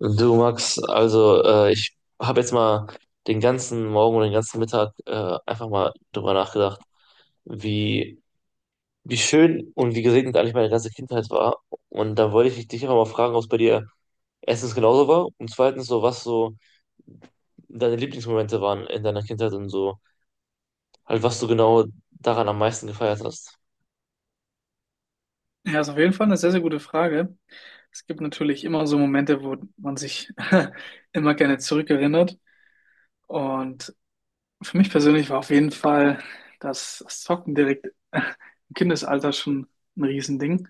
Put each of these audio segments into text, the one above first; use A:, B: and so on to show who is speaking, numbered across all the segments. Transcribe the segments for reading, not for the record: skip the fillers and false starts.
A: Du Max, also ich habe jetzt mal den ganzen Morgen und den ganzen Mittag einfach mal drüber nachgedacht, wie, wie schön und wie gesegnet eigentlich meine ganze Kindheit war. Und da wollte ich dich einfach mal fragen, ob es bei dir erstens genauso war und zweitens so, was so deine Lieblingsmomente waren in deiner Kindheit und so, halt was du genau daran am meisten gefeiert hast.
B: Ja, ist auf jeden Fall eine sehr, sehr gute Frage. Es gibt natürlich immer so Momente, wo man sich immer gerne zurückerinnert. Und für mich persönlich war auf jeden Fall das Zocken direkt im Kindesalter schon ein Riesending.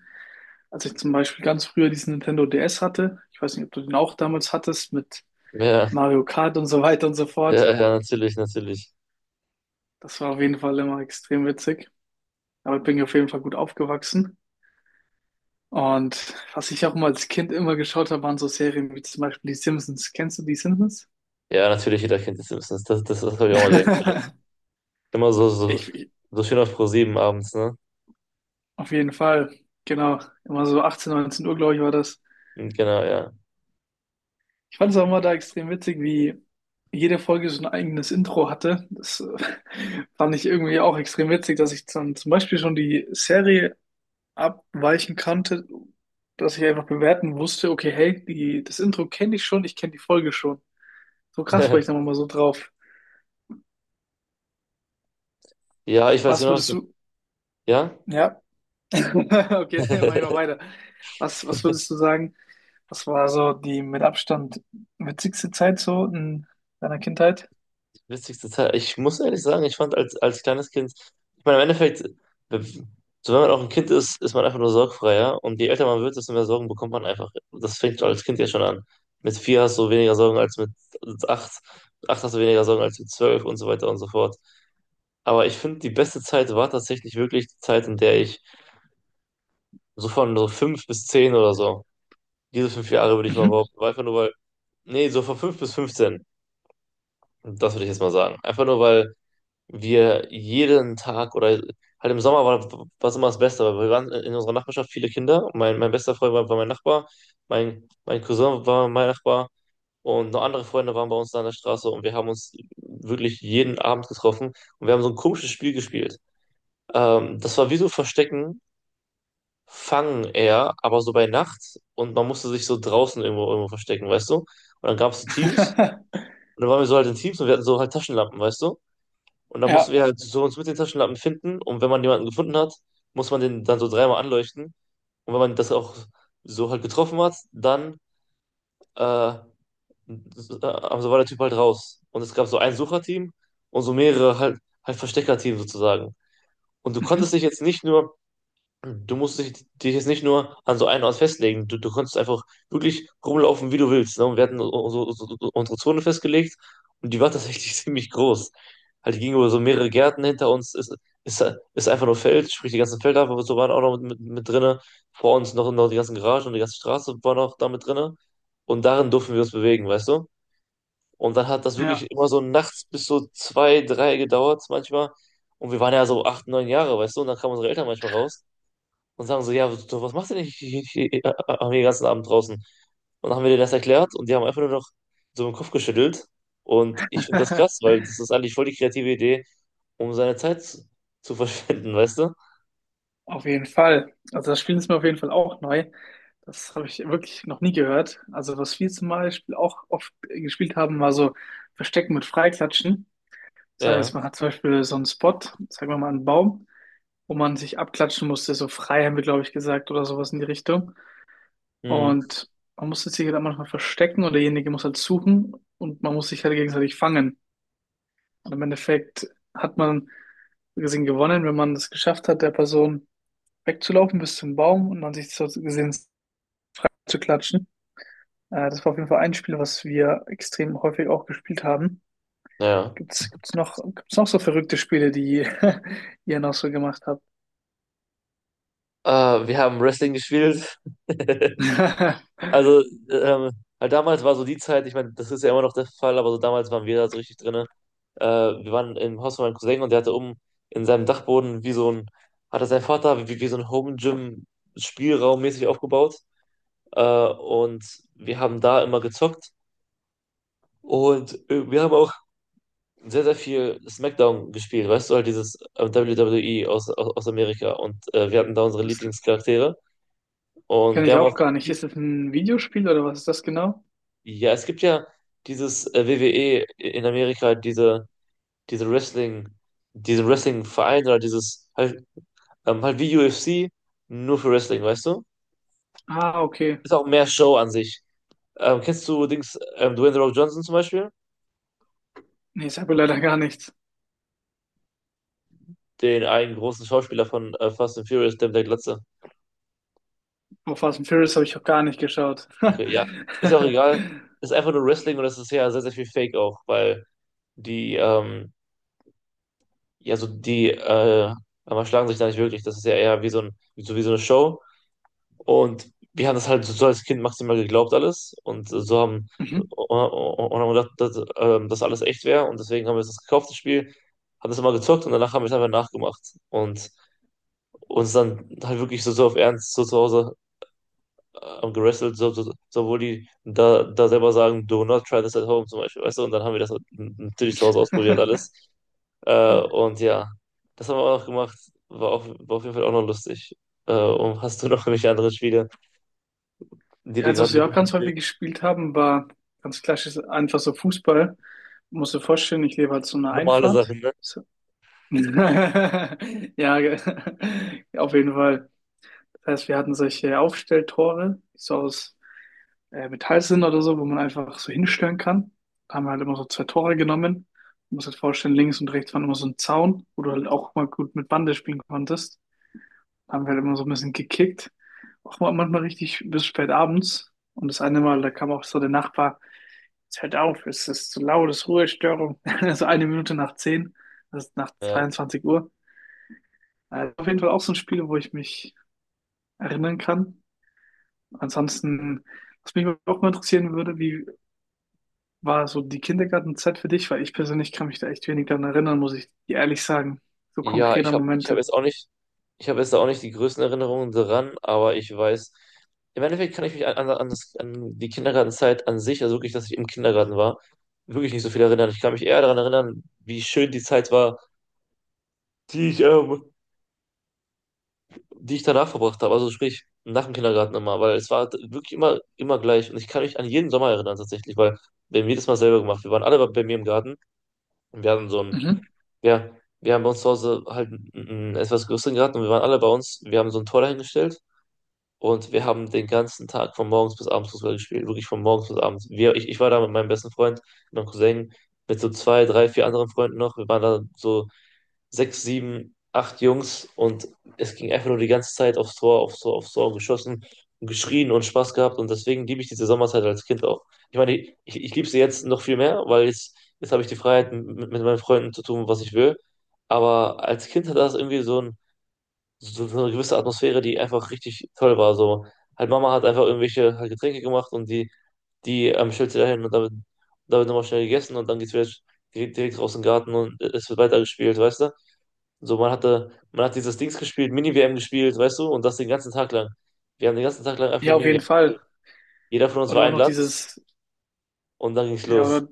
B: Als ich zum Beispiel ganz früher diesen Nintendo DS hatte, ich weiß nicht, ob du den auch damals hattest, mit
A: Ja,
B: Mario Kart und so weiter und so
A: ja,
B: fort.
A: ja, natürlich, natürlich.
B: Das war auf jeden Fall immer extrem witzig. Damit bin ich auf jeden Fall gut aufgewachsen. Und was ich auch mal als Kind immer geschaut habe, waren so Serien wie zum Beispiel die Simpsons. Kennst du die Simpsons?
A: Ja, natürlich, jeder kennt die Simpsons. Das habe ich auch mal gerne. Immer so, so,
B: Ich
A: so schön auf ProSieben abends, ne?
B: auf jeden Fall, genau. Immer so 18, 19 Uhr, glaube ich, war das.
A: Genau, ja.
B: Ich fand es auch immer da extrem witzig, wie jede Folge so ein eigenes Intro hatte. Das fand ich irgendwie auch extrem witzig, dass ich dann zum Beispiel schon die Serie abweichen kannte, dass ich einfach bewerten wusste, okay, hey, die, das Intro kenne ich schon, ich kenne die Folge schon. So krass war ich dann immer so drauf.
A: Ja, ich weiß
B: Was
A: genau, was
B: würdest
A: du.
B: du,
A: Ja?
B: ja, Okay, dann mach ich mal weiter. Was würdest du sagen? Was war so die mit Abstand witzigste Zeit so in deiner Kindheit?
A: Witzigste Zeit. Ich muss ehrlich sagen, ich fand als kleines Kind, ich meine, im Endeffekt, so wenn man auch ein Kind ist, ist man einfach nur sorgfreier. Und je älter man wird, desto mehr Sorgen bekommt man einfach. Das fängt als Kind ja schon an. Mit vier hast du weniger Sorgen als mit acht. Mit acht hast du weniger Sorgen als mit 12 und so weiter und so fort. Aber ich finde, die beste Zeit war tatsächlich wirklich die Zeit, in der ich so von so fünf bis 10 oder so. Diese fünf Jahre würde ich mal
B: Mhm.
A: behaupten. Einfach nur weil, nee, so von fünf bis 15, das würde ich jetzt mal sagen. Einfach nur weil wir jeden Tag oder halt im Sommer war was immer das Beste, weil wir waren in unserer Nachbarschaft viele Kinder. Mein bester Freund war mein Nachbar, mein Cousin war mein Nachbar und noch andere Freunde waren bei uns da an der Straße und wir haben uns wirklich jeden Abend getroffen und wir haben so ein komisches Spiel gespielt. Das war wie so Verstecken, Fangen eher, aber so bei Nacht und man musste sich so draußen irgendwo verstecken, weißt du? Und dann gab es so Teams und dann waren wir so halt in Teams und wir hatten so halt Taschenlampen, weißt du? Und dann mussten
B: Ja.
A: wir halt so uns mit den Taschenlampen finden und wenn man jemanden gefunden hat, muss man den dann so dreimal anleuchten und wenn man das auch so halt getroffen hat, dann äh, so also war der Typ halt raus. Und es gab so ein Sucherteam und so mehrere halt, halt Versteckerteam sozusagen. Und du
B: Mhm.
A: konntest dich jetzt nicht nur du musst dich jetzt nicht nur an so einen Ort festlegen. Du kannst einfach wirklich rumlaufen, wie du willst. Ne? Und wir hatten so unsere Zone festgelegt und die war tatsächlich ziemlich groß. Halt, die ging über so mehrere Gärten hinter uns. Ist, ist einfach nur Feld, sprich die ganzen Felder, aber so waren auch noch mit drinne. Vor uns noch die ganzen Garagen und die ganze Straße war noch da mit drinne. Und darin durften wir uns bewegen, weißt du? Und dann hat das
B: Ja.
A: wirklich immer so nachts bis so zwei, drei gedauert manchmal. Und wir waren ja so 8, 9 Jahre, weißt du? Und dann kamen unsere Eltern manchmal raus und sagen so, ja, du, was machst du denn hier, den ganzen Abend draußen? Und dann haben wir denen das erklärt und die haben einfach nur noch so den Kopf geschüttelt. Und ich finde das krass, weil das ist eigentlich voll die kreative Idee, um seine Zeit zu verschwenden, weißt du?
B: Auf jeden Fall. Also das Spiel ist mir auf jeden Fall auch neu. Das habe ich wirklich noch nie gehört. Also was wir zum Beispiel auch oft gespielt haben, war so Verstecken mit Freiklatschen. Das
A: Ja.
B: heißt, man hat zum Beispiel so einen Spot, sagen wir mal einen Baum, wo man sich abklatschen musste. So frei haben wir, glaube ich, gesagt oder sowas in die Richtung.
A: Hm.
B: Und man muss sich halt manchmal verstecken oder derjenige muss halt suchen und man muss sich halt gegenseitig fangen. Und im Endeffekt hat man so gesehen gewonnen, wenn man es geschafft hat, der Person wegzulaufen bis zum Baum und dann sich so gesehen zu klatschen. Das war auf jeden Fall ein Spiel, was wir extrem häufig auch gespielt haben.
A: Ja.
B: Gibt's noch so verrückte Spiele, die ihr noch so gemacht habt?
A: Wir haben Wrestling gespielt. Also, ähm, halt damals war so die Zeit, ich meine, das ist ja immer noch der Fall, aber so damals waren wir da so richtig drin. Äh, wir waren im Haus von meinem Cousin und der hatte oben in seinem Dachboden wie so ein, hatte sein Vater wie so ein Home Gym Spielraum mäßig aufgebaut. Äh, und wir haben da immer gezockt und wir haben auch sehr, sehr viel SmackDown gespielt, weißt du, halt dieses WWE aus Amerika und wir hatten da unsere
B: Das
A: Lieblingscharaktere und
B: kenne
A: wir
B: ich
A: haben auch,
B: auch gar nicht. Ist das ein Videospiel oder was ist das genau?
A: ja, es gibt ja dieses WWE in Amerika, diese, diese Wrestling, diese Wrestling-Verein oder dieses, halt, halt wie UFC, nur für Wrestling, weißt du?
B: Ah, okay.
A: Ist auch mehr Show an sich. Kennst du Dings, Dwayne The Rock Johnson zum Beispiel?
B: Nee, ich habe leider gar nichts.
A: Den einen großen Schauspieler von Fast and Furious, der mit der Glatze.
B: Oh, Fast and Furious habe ich auch gar nicht geschaut.
A: Okay, ja. Ist ja auch egal. Ist einfach nur Wrestling und das ist ja sehr, sehr viel Fake auch, weil die, ja, so die, aber schlagen sich da nicht wirklich. Das ist ja eher wie so ein, so wie so eine Show. Und wir haben das halt so als Kind maximal geglaubt alles und so haben und
B: Mhm.
A: und haben gedacht, dass das alles echt wäre und deswegen haben wir das gekauft, das Spiel, haben das immer gezockt und danach haben wir es einfach nachgemacht und uns dann halt wirklich so auf Ernst so zu Hause gerestelt, obwohl die da selber sagen, do not try this at home zum Beispiel, weißt du, und dann haben wir das natürlich zu Hause ausprobiert alles und ja, das haben wir auch noch gemacht, war, auch, war auf jeden Fall auch noch lustig. Und hast du noch irgendwelche anderen Spiele, die
B: Ja,
A: dir
B: also, was
A: gerade
B: wir
A: noch
B: auch ganz häufig gespielt haben, war ganz klassisch einfach so Fußball. Musst du dir vorstellen, ich lebe halt so eine
A: normale
B: Einfahrt.
A: Sachen, ne?
B: So. Ja, ge- auf jeden Fall. Das heißt, wir hatten solche Aufstelltore, die so aus Metall sind oder so, wo man einfach so hinstellen kann. Da haben wir halt immer so zwei Tore genommen. Du musst dir vorstellen, links und rechts waren immer so ein Zaun, wo du halt auch mal gut mit Bande spielen konntest. Haben wir halt immer so ein bisschen gekickt. Auch mal- manchmal richtig bis spät abends. Und das eine Mal, da kam auch so der Nachbar, jetzt hört auf, es ist zu laut, es ist Ruhestörung. Also eine Minute nach zehn, das ist nach
A: Ja,
B: 22 Uhr. Also auf jeden Fall auch so ein Spiel, wo ich mich erinnern kann. Ansonsten, was mich auch mal interessieren würde, wie war so die Kindergartenzeit für dich? Weil ich persönlich kann mich da echt wenig dran erinnern, muss ich dir ehrlich sagen. So
A: ja
B: konkreter Momente.
A: ich habe jetzt auch nicht die größten Erinnerungen daran, aber ich weiß, im Endeffekt kann ich mich an die Kindergartenzeit an sich, also wirklich, dass ich im Kindergarten war, wirklich nicht so viel erinnern. Ich kann mich eher daran erinnern, wie schön die Zeit war, die ich, ähm, die ich danach verbracht habe, also sprich nach dem Kindergarten immer, weil es war wirklich immer, immer gleich und ich kann mich an jeden Sommer erinnern tatsächlich, weil wir haben jedes Mal selber gemacht. Wir waren alle bei mir im Garten und wir hatten so ein
B: Mhm.
A: ja, wir haben bei uns zu Hause halt einen etwas größeren Garten und wir waren alle bei uns. Wir haben so ein Tor dahingestellt und wir haben den ganzen Tag von morgens bis abends Fußball gespielt, wirklich von morgens bis abends. Ich war da mit meinem besten Freund, meinem Cousin, mit so zwei, drei, vier anderen Freunden noch. Wir waren da so sechs, sieben, acht Jungs und es ging einfach nur die ganze Zeit aufs Tor, aufs Tor, aufs Tor und geschossen und geschrien und Spaß gehabt und deswegen liebe ich diese Sommerzeit als Kind auch. Ich meine, ich liebe sie jetzt noch viel mehr, weil jetzt habe ich die Freiheit, mit meinen Freunden zu tun, was ich will. Aber als Kind hat das irgendwie so eine gewisse Atmosphäre, die einfach richtig toll war. So, halt Mama hat einfach irgendwelche halt Getränke gemacht und die stellt sie dahin und damit, nochmal schnell gegessen und dann geht's wieder direkt raus in den Garten und es wird weitergespielt, weißt du? So, man hatte, man hat dieses Dings gespielt, mini WM gespielt, weißt du, und das den ganzen Tag lang. Wir haben den ganzen Tag lang einfach nur
B: Ja, auf
A: mini W
B: jeden
A: M gespielt.
B: Fall.
A: Jeder von uns war
B: Oder auch
A: ein
B: noch
A: Land
B: dieses,
A: und dann ging's
B: ja,
A: los.
B: oder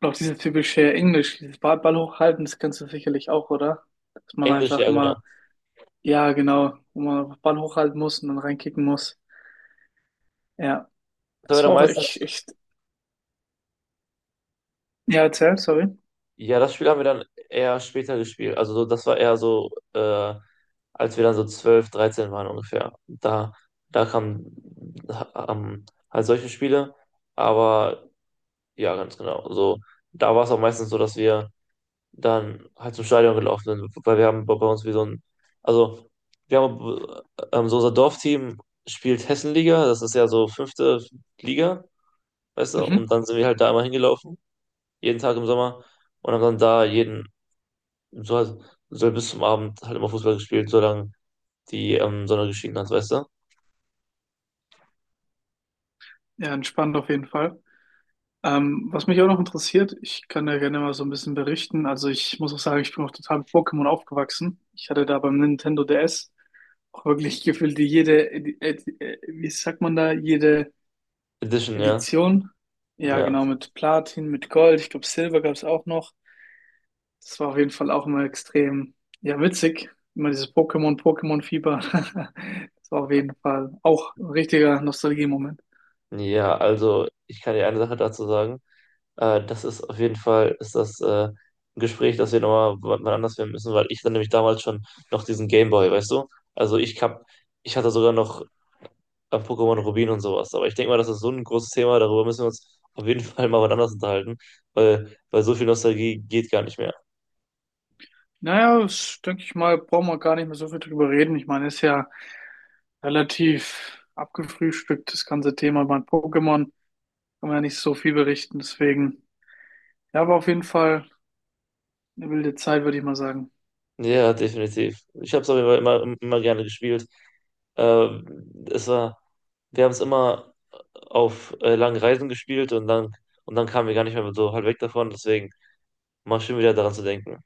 B: und auch dieses typische Englisch, dieses Ball, Ball hochhalten, das kennst du sicherlich auch, oder? Dass man
A: Englisch,
B: einfach
A: ja, genau.
B: immer, ja, genau, wo man einfach Ball hochhalten muss und dann reinkicken muss. Ja,
A: Das haben wir
B: das
A: dann
B: war auch
A: meistens.
B: echt, echt, ja, erzähl, sorry.
A: Ja, das Spiel haben wir dann eher später gespielt. Also so, das war eher so, als wir dann so 12, 13 waren ungefähr. Da, da kamen ähm, halt solche Spiele. Aber ja, ganz genau. So, da war es auch meistens so, dass wir dann halt zum Stadion gelaufen sind, weil wir haben bei uns wie so ein, also wir haben so unser Dorfteam spielt Hessenliga, das ist ja so fünfte Liga, weißt du, und
B: Mhm.
A: dann sind wir halt da immer hingelaufen, jeden Tag im Sommer und haben dann da jeden so, halt- so halt bis zum Abend halt immer Fußball gespielt, solange die Sonne geschienen hat, weißt du?
B: Ja, entspannt auf jeden Fall. Was mich auch noch interessiert, ich kann da gerne mal so ein bisschen berichten. Also ich muss auch sagen, ich bin auch total mit Pokémon aufgewachsen. Ich hatte da beim Nintendo DS auch wirklich gefühlt jede, wie sagt man da, jede
A: Edition, ja.
B: Edition. Ja,
A: Ja.
B: genau, mit Platin, mit Gold. Ich glaube, Silber gab es auch noch. Das war auf jeden Fall auch immer extrem, ja, witzig. Immer dieses Pokémon, Pokémon-Fieber. Das war auf jeden Fall auch ein richtiger Nostalgie-Moment.
A: Ja, also ich kann dir eine Sache dazu sagen. Das ist auf jeden Fall, ist das ein Gespräch, das wir nochmal wann anders führen müssen, weil ich dann nämlich damals schon noch diesen Gameboy, weißt du? Also ich hatte sogar noch Pokémon Rubin und sowas. Aber ich denke mal, das ist so ein großes Thema, darüber müssen wir uns auf jeden Fall mal wann anders unterhalten, weil so viel Nostalgie geht gar nicht mehr.
B: Naja, das, denke ich mal, brauchen wir gar nicht mehr so viel drüber reden. Ich meine, ist ja relativ abgefrühstückt, das ganze Thema bei Pokémon. Kann man ja nicht so viel berichten. Deswegen, ja, war auf jeden Fall eine wilde Zeit, würde ich mal sagen.
A: Ja, definitiv. Ich habe es aber jeden immer, immer gerne gespielt. Ähm, es war, wir haben es immer auf langen Reisen gespielt und dann kamen wir gar nicht mehr so halt weg davon. Deswegen mal schön wieder daran zu denken.